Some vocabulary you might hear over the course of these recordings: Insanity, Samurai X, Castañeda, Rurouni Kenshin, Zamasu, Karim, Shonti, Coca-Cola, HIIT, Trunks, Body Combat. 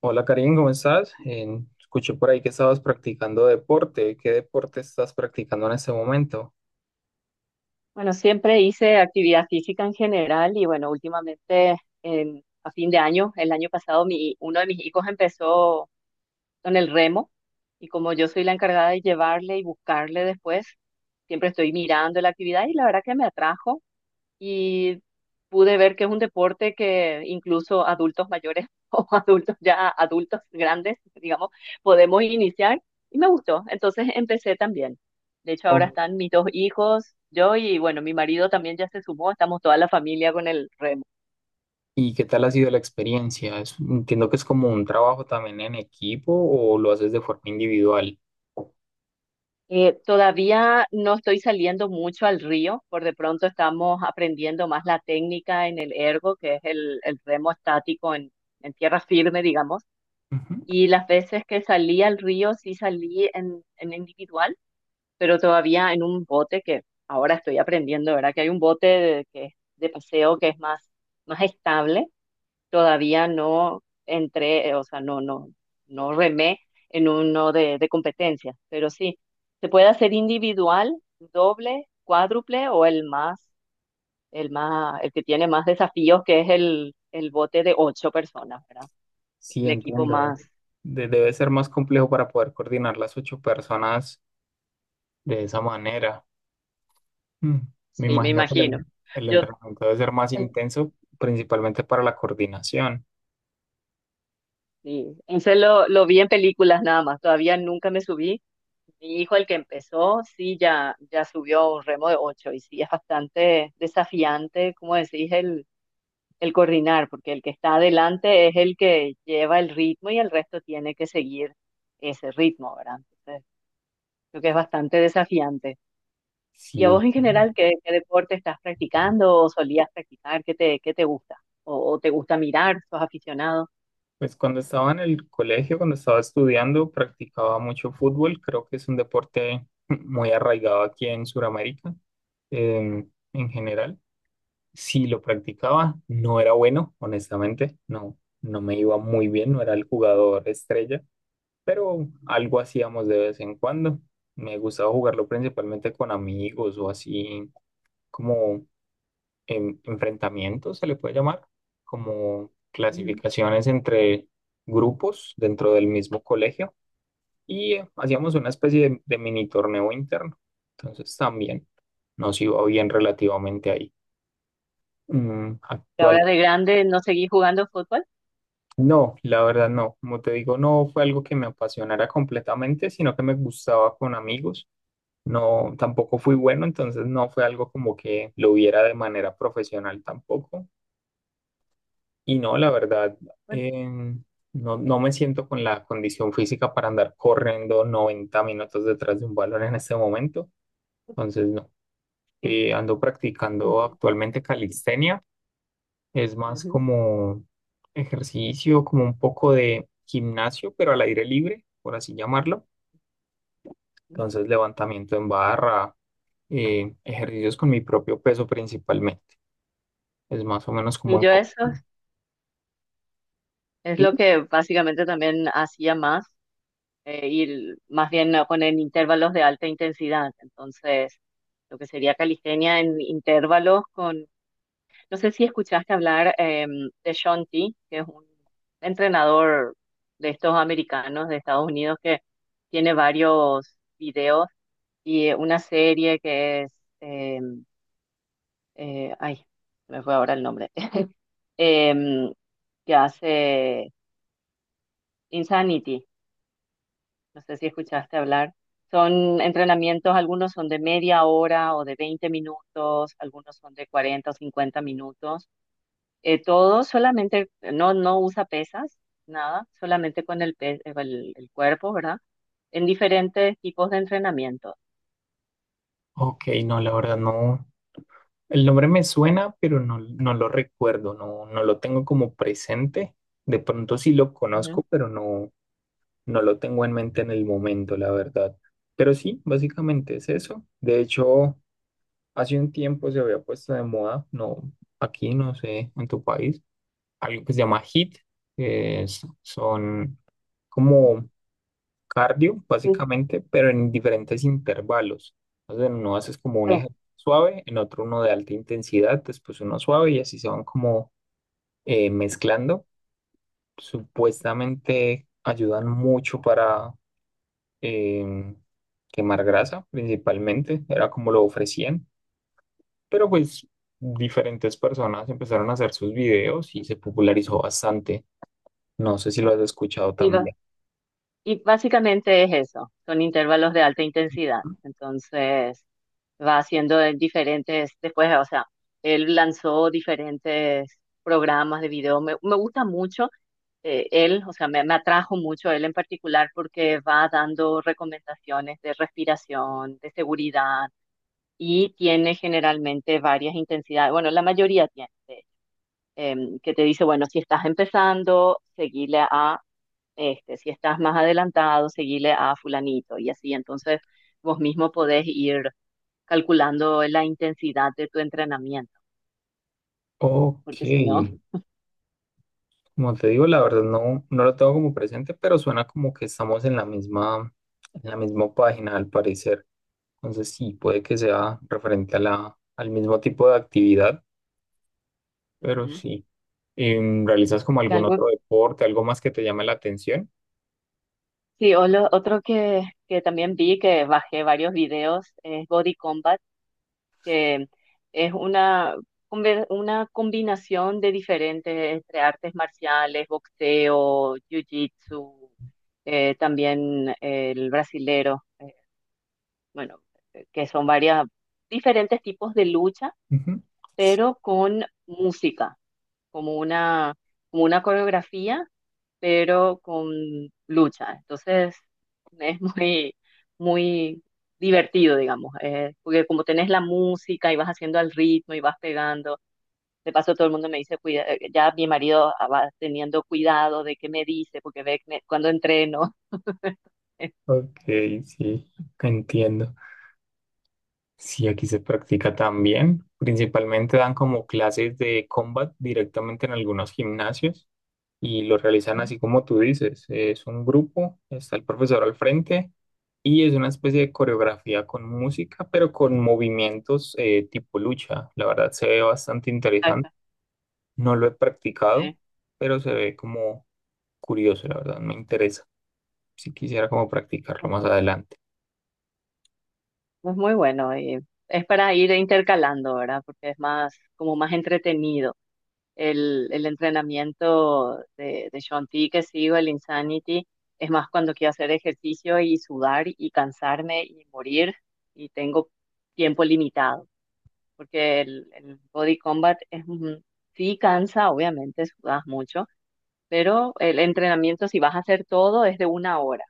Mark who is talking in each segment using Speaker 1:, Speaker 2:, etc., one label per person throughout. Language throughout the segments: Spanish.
Speaker 1: Hola Karim, ¿cómo estás? Escuché por ahí que estabas practicando deporte. ¿Qué deporte estás practicando en este momento?
Speaker 2: Bueno, siempre hice actividad física en general y bueno, últimamente a fin de año, el año pasado, uno de mis hijos empezó con el remo y como yo soy la encargada de llevarle y buscarle después, siempre estoy mirando la actividad y la verdad que me atrajo y pude ver que es un deporte que incluso adultos mayores o adultos ya adultos grandes, digamos, podemos iniciar y me gustó. Entonces empecé también. De hecho, ahora
Speaker 1: Oh,
Speaker 2: están mis dos hijos, yo y bueno, mi marido también ya se sumó, estamos toda la familia con el remo.
Speaker 1: ¿y qué tal ha sido la experiencia? Entiendo que es como un trabajo también en equipo o lo haces de forma individual.
Speaker 2: Todavía no estoy saliendo mucho al río, por de pronto estamos aprendiendo más la técnica en el ergo, que es el remo estático en tierra firme, digamos.
Speaker 1: Ujú.
Speaker 2: Y las veces que salí al río, sí salí en individual, pero todavía en un bote que ahora estoy aprendiendo, ¿verdad? Que hay un bote de paseo que es más estable, todavía no entré, o sea, no, no, no remé en uno de competencia, pero sí, se puede hacer individual, doble, cuádruple o el más, el que tiene más desafíos, que es el bote de ocho personas, ¿verdad?
Speaker 1: Sí,
Speaker 2: El equipo
Speaker 1: entiendo.
Speaker 2: más,
Speaker 1: Debe ser más complejo para poder coordinar las ocho personas de esa manera. Mm. Me
Speaker 2: sí, me
Speaker 1: imagino que
Speaker 2: imagino.
Speaker 1: el
Speaker 2: Yo,
Speaker 1: entrenamiento debe ser más
Speaker 2: eh,
Speaker 1: intenso, principalmente para la coordinación.
Speaker 2: sí, ese lo vi en películas nada más, todavía nunca me subí. Mi hijo, el que empezó, sí, ya subió un remo de ocho y sí, es bastante desafiante, como decís, el coordinar, porque el que está adelante es el que lleva el ritmo y el resto tiene que seguir ese ritmo, ¿verdad? Entonces, creo que es bastante desafiante. ¿Y a
Speaker 1: Sí,
Speaker 2: vos en general qué deporte estás practicando o solías practicar? ¿Qué te gusta? ¿O te gusta mirar? ¿Sos aficionado?
Speaker 1: pues cuando estaba en el colegio, cuando estaba estudiando, practicaba mucho fútbol. Creo que es un deporte muy arraigado aquí en Sudamérica, eh, en general. Si lo practicaba, no era bueno, honestamente. No, no me iba muy bien, no era el jugador estrella, pero algo hacíamos de vez en cuando. Me gustaba jugarlo principalmente con amigos o así como enfrentamientos, se le puede llamar, como
Speaker 2: Ujú.
Speaker 1: clasificaciones entre grupos dentro del mismo colegio y hacíamos una especie de mini torneo interno. Entonces también nos iba bien relativamente ahí. Mm,
Speaker 2: ¿Y
Speaker 1: actual.
Speaker 2: ahora de grande no seguís jugando fútbol?
Speaker 1: No, la verdad no. Como te digo, no fue algo que me apasionara completamente, sino que me gustaba con amigos. No, tampoco fui bueno, entonces no fue algo como que lo hubiera de manera profesional tampoco. Y no, la verdad,
Speaker 2: Bueno,
Speaker 1: eh, no, no me siento con la condición física para andar corriendo 90 minutos detrás de un balón en este momento. Entonces, no.
Speaker 2: sí.
Speaker 1: Ando practicando actualmente calistenia. Es más
Speaker 2: Ujú.
Speaker 1: como ejercicio, como un poco de gimnasio, pero al aire libre, por así llamarlo. Entonces, levantamiento en barra, ejercicios con mi propio peso principalmente. Es más o menos como
Speaker 2: Y
Speaker 1: un
Speaker 2: yo
Speaker 1: poco.
Speaker 2: eso es lo que básicamente también hacía más. Y más bien poner intervalos de alta intensidad. Entonces, lo que sería calistenia en intervalos con, no sé si escuchaste hablar de Shonti, que es un entrenador de estos americanos de Estados Unidos que tiene varios videos y una serie que es, em, eh, ay, se me fue ahora el nombre, em, que hace Insanity. No sé si escuchaste hablar. Son entrenamientos, algunos son de media hora o de 20 minutos, algunos son de 40 o 50 minutos. Todo solamente, no, no usa pesas, nada, solamente con el cuerpo, ¿verdad? En diferentes tipos de entrenamiento.
Speaker 1: Ok, no, la verdad no. El nombre me suena, pero no, no lo recuerdo, no, no lo tengo como presente. De pronto sí lo
Speaker 2: Ujú.
Speaker 1: conozco, pero no, no lo tengo en mente en el momento, la verdad. Pero sí, básicamente es eso. De hecho, hace un tiempo se había puesto de moda, no, aquí no sé, en tu país, algo que se llama HIIT, que es- son como cardio,
Speaker 2: Sí,
Speaker 1: básicamente, pero en diferentes intervalos. Entonces, en uno haces como un
Speaker 2: sí,
Speaker 1: ejercicio suave, en otro uno de alta intensidad, después uno suave y así se van como mezclando. Supuestamente ayudan mucho para em, quemar grasa, principalmente, era como lo ofrecían, pero pues diferentes personas empezaron a hacer sus videos y se popularizó bastante. No sé si lo has escuchado
Speaker 2: sí,
Speaker 1: también.
Speaker 2: y básicamente es eso, son intervalos de alta intensidad. Entonces va haciendo de diferentes, después, o sea, él lanzó diferentes programas de video. Me gusta mucho él, o sea, me atrajo mucho él en particular porque va dando recomendaciones de respiración, de seguridad y tiene generalmente varias intensidades. Bueno, la mayoría tiene, que te dice, bueno, si estás empezando, seguile a este, si estás más adelantado, seguile a fulanito y así. Entonces, vos mismo podés ir calculando la intensidad de tu entrenamiento,
Speaker 1: Ok.
Speaker 2: porque si no.
Speaker 1: Como te digo, la verdad no, no lo tengo como presente, pero suena como que estamos en la misma página al parecer. Entonces sí, puede que sea referente a al mismo tipo de actividad, pero
Speaker 2: Ujú.
Speaker 1: sí. ¿Realizas como
Speaker 2: Y
Speaker 1: algún
Speaker 2: algo,
Speaker 1: otro deporte, algo más que te llame la atención?
Speaker 2: sí, o otro que, también vi, que bajé varios videos, es Body Combat, que es una combinación de diferentes entre artes marciales, boxeo, jiu-jitsu, también el brasilero. Bueno, que son varias, diferentes tipos de lucha,
Speaker 1: Ujú. Sí,
Speaker 2: pero con música, como una, como una coreografía, pero con lucha. Entonces, es muy, muy divertido, digamos, porque como tenés la música y vas haciendo al ritmo y vas pegando, de paso todo el mundo me dice, cuida, ya mi marido va teniendo cuidado de qué me dice, porque ve que cuando entreno.
Speaker 1: ok, sí, entiendo. Sí, aquí se practica también. Principalmente dan como clases de combat directamente en algunos gimnasios y lo realizan así como tú dices. Es un grupo, está el profesor al frente y es una especie de coreografía con música, pero con movimientos tipo lucha. La verdad se ve bastante interesante.
Speaker 2: Ajá,
Speaker 1: No lo he practicado,
Speaker 2: sí.
Speaker 1: pero se ve como curioso, la verdad, me interesa. Si quisiera como practicarlo más adelante.
Speaker 2: Es muy bueno y es para ir intercalando, ¿verdad? Porque es más, como más entretenido. El entrenamiento de Shaun T que sigo, el Insanity, es más cuando quiero hacer ejercicio y sudar y cansarme y morir y tengo tiempo limitado. Porque el Body Combat es, sí cansa, obviamente, sudas mucho, pero el entrenamiento, si vas a hacer todo, es de una hora,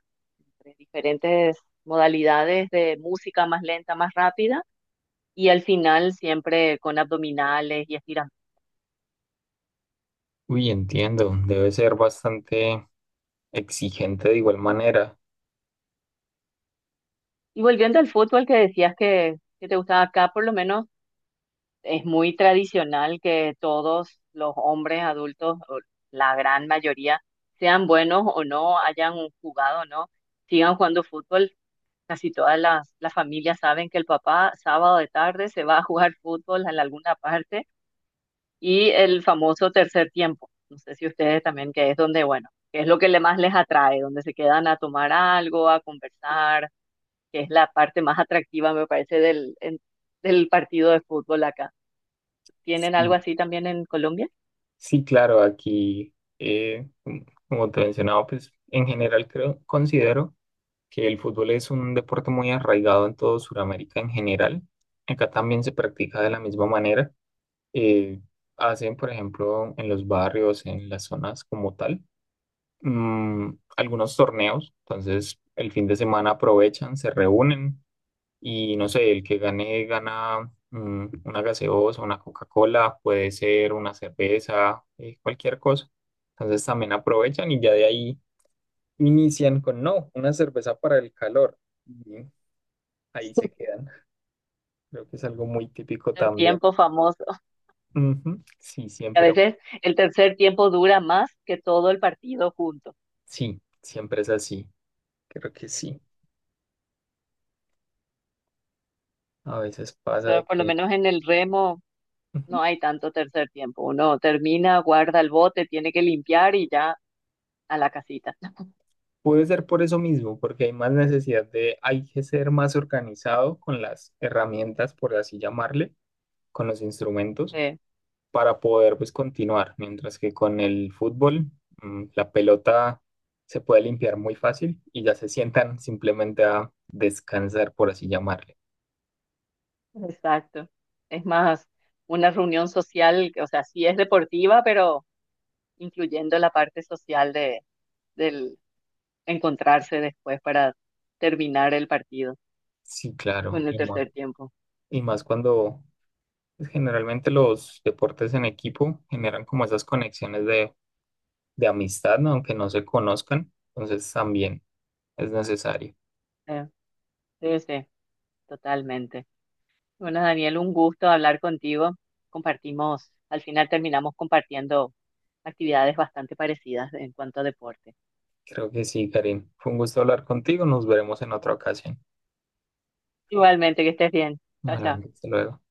Speaker 2: entre diferentes modalidades de música más lenta, más rápida y al final siempre con abdominales y estiramientos.
Speaker 1: Uy, entiendo, debe ser bastante exigente de igual manera.
Speaker 2: Y volviendo al fútbol que decías que te gustaba, acá, por lo menos, es muy tradicional que todos los hombres adultos, o la gran mayoría, sean buenos o no, hayan jugado o no, sigan jugando fútbol. Casi todas las familias saben que el papá sábado de tarde se va a jugar fútbol en alguna parte y el famoso tercer tiempo. No sé si ustedes también, que es donde, bueno, que es lo que le más les atrae, donde se quedan a tomar algo, a conversar, que es la parte más atractiva, me parece, del partido de fútbol acá. ¿Tienen algo
Speaker 1: Sí,
Speaker 2: así también en Colombia?
Speaker 1: sí, claro, aquí, como te mencionaba, pues en general creo, considero que el fútbol es un deporte muy arraigado en todo Sudamérica en general. Acá también se practica de la misma manera. Eh, Hacen, por ejemplo, en los barrios, en las zonas como tal, algunos torneos. Entonces, el fin de semana aprovechan, se reúnen y no sé, el que gane gana una gaseosa, una Coca-Cola, puede ser una cerveza, cualquier cosa. Entonces también aprovechan y ya de ahí inician con, no, una cerveza para el calor. Y ahí se quedan. Creo que es algo muy típico
Speaker 2: El
Speaker 1: también.
Speaker 2: tiempo famoso.
Speaker 1: Ujú.
Speaker 2: A veces el tercer tiempo dura más que todo el partido junto.
Speaker 1: Sí, siempre es así. Creo que sí. A veces pasa
Speaker 2: Eso,
Speaker 1: de
Speaker 2: por lo
Speaker 1: que...
Speaker 2: menos en el remo,
Speaker 1: Ujú.
Speaker 2: no hay tanto tercer tiempo. Uno termina, guarda el bote, tiene que limpiar y ya a la casita.
Speaker 1: Puede ser por eso mismo, porque hay más necesidad de, hay que ser más organizado con las herramientas, por así llamarle, con los instrumentos
Speaker 2: Sí.
Speaker 1: para poder pues continuar, mientras que con el fútbol la pelota se puede limpiar muy fácil y ya se sientan simplemente a descansar, por así llamarle.
Speaker 2: Exacto. Es más una reunión social, o sea, sí es deportiva, pero incluyendo la parte social del encontrarse después para terminar el partido
Speaker 1: Sí, claro,
Speaker 2: con el tercer tiempo.
Speaker 1: y más cuando pues, generalmente los deportes en equipo generan como esas conexiones de amistad, ¿no? Aunque no se conozcan, entonces también es necesario.
Speaker 2: Eh, sí, sí, totalmente. Bueno, Daniel, un gusto hablar contigo. Compartimos, al final terminamos compartiendo actividades bastante parecidas en cuanto a deporte.
Speaker 1: Creo que sí, Karim. Fue un gusto hablar contigo, nos veremos en otra ocasión.
Speaker 2: Igualmente, que estés bien. Chao, chao.
Speaker 1: Bueno, hasta luego.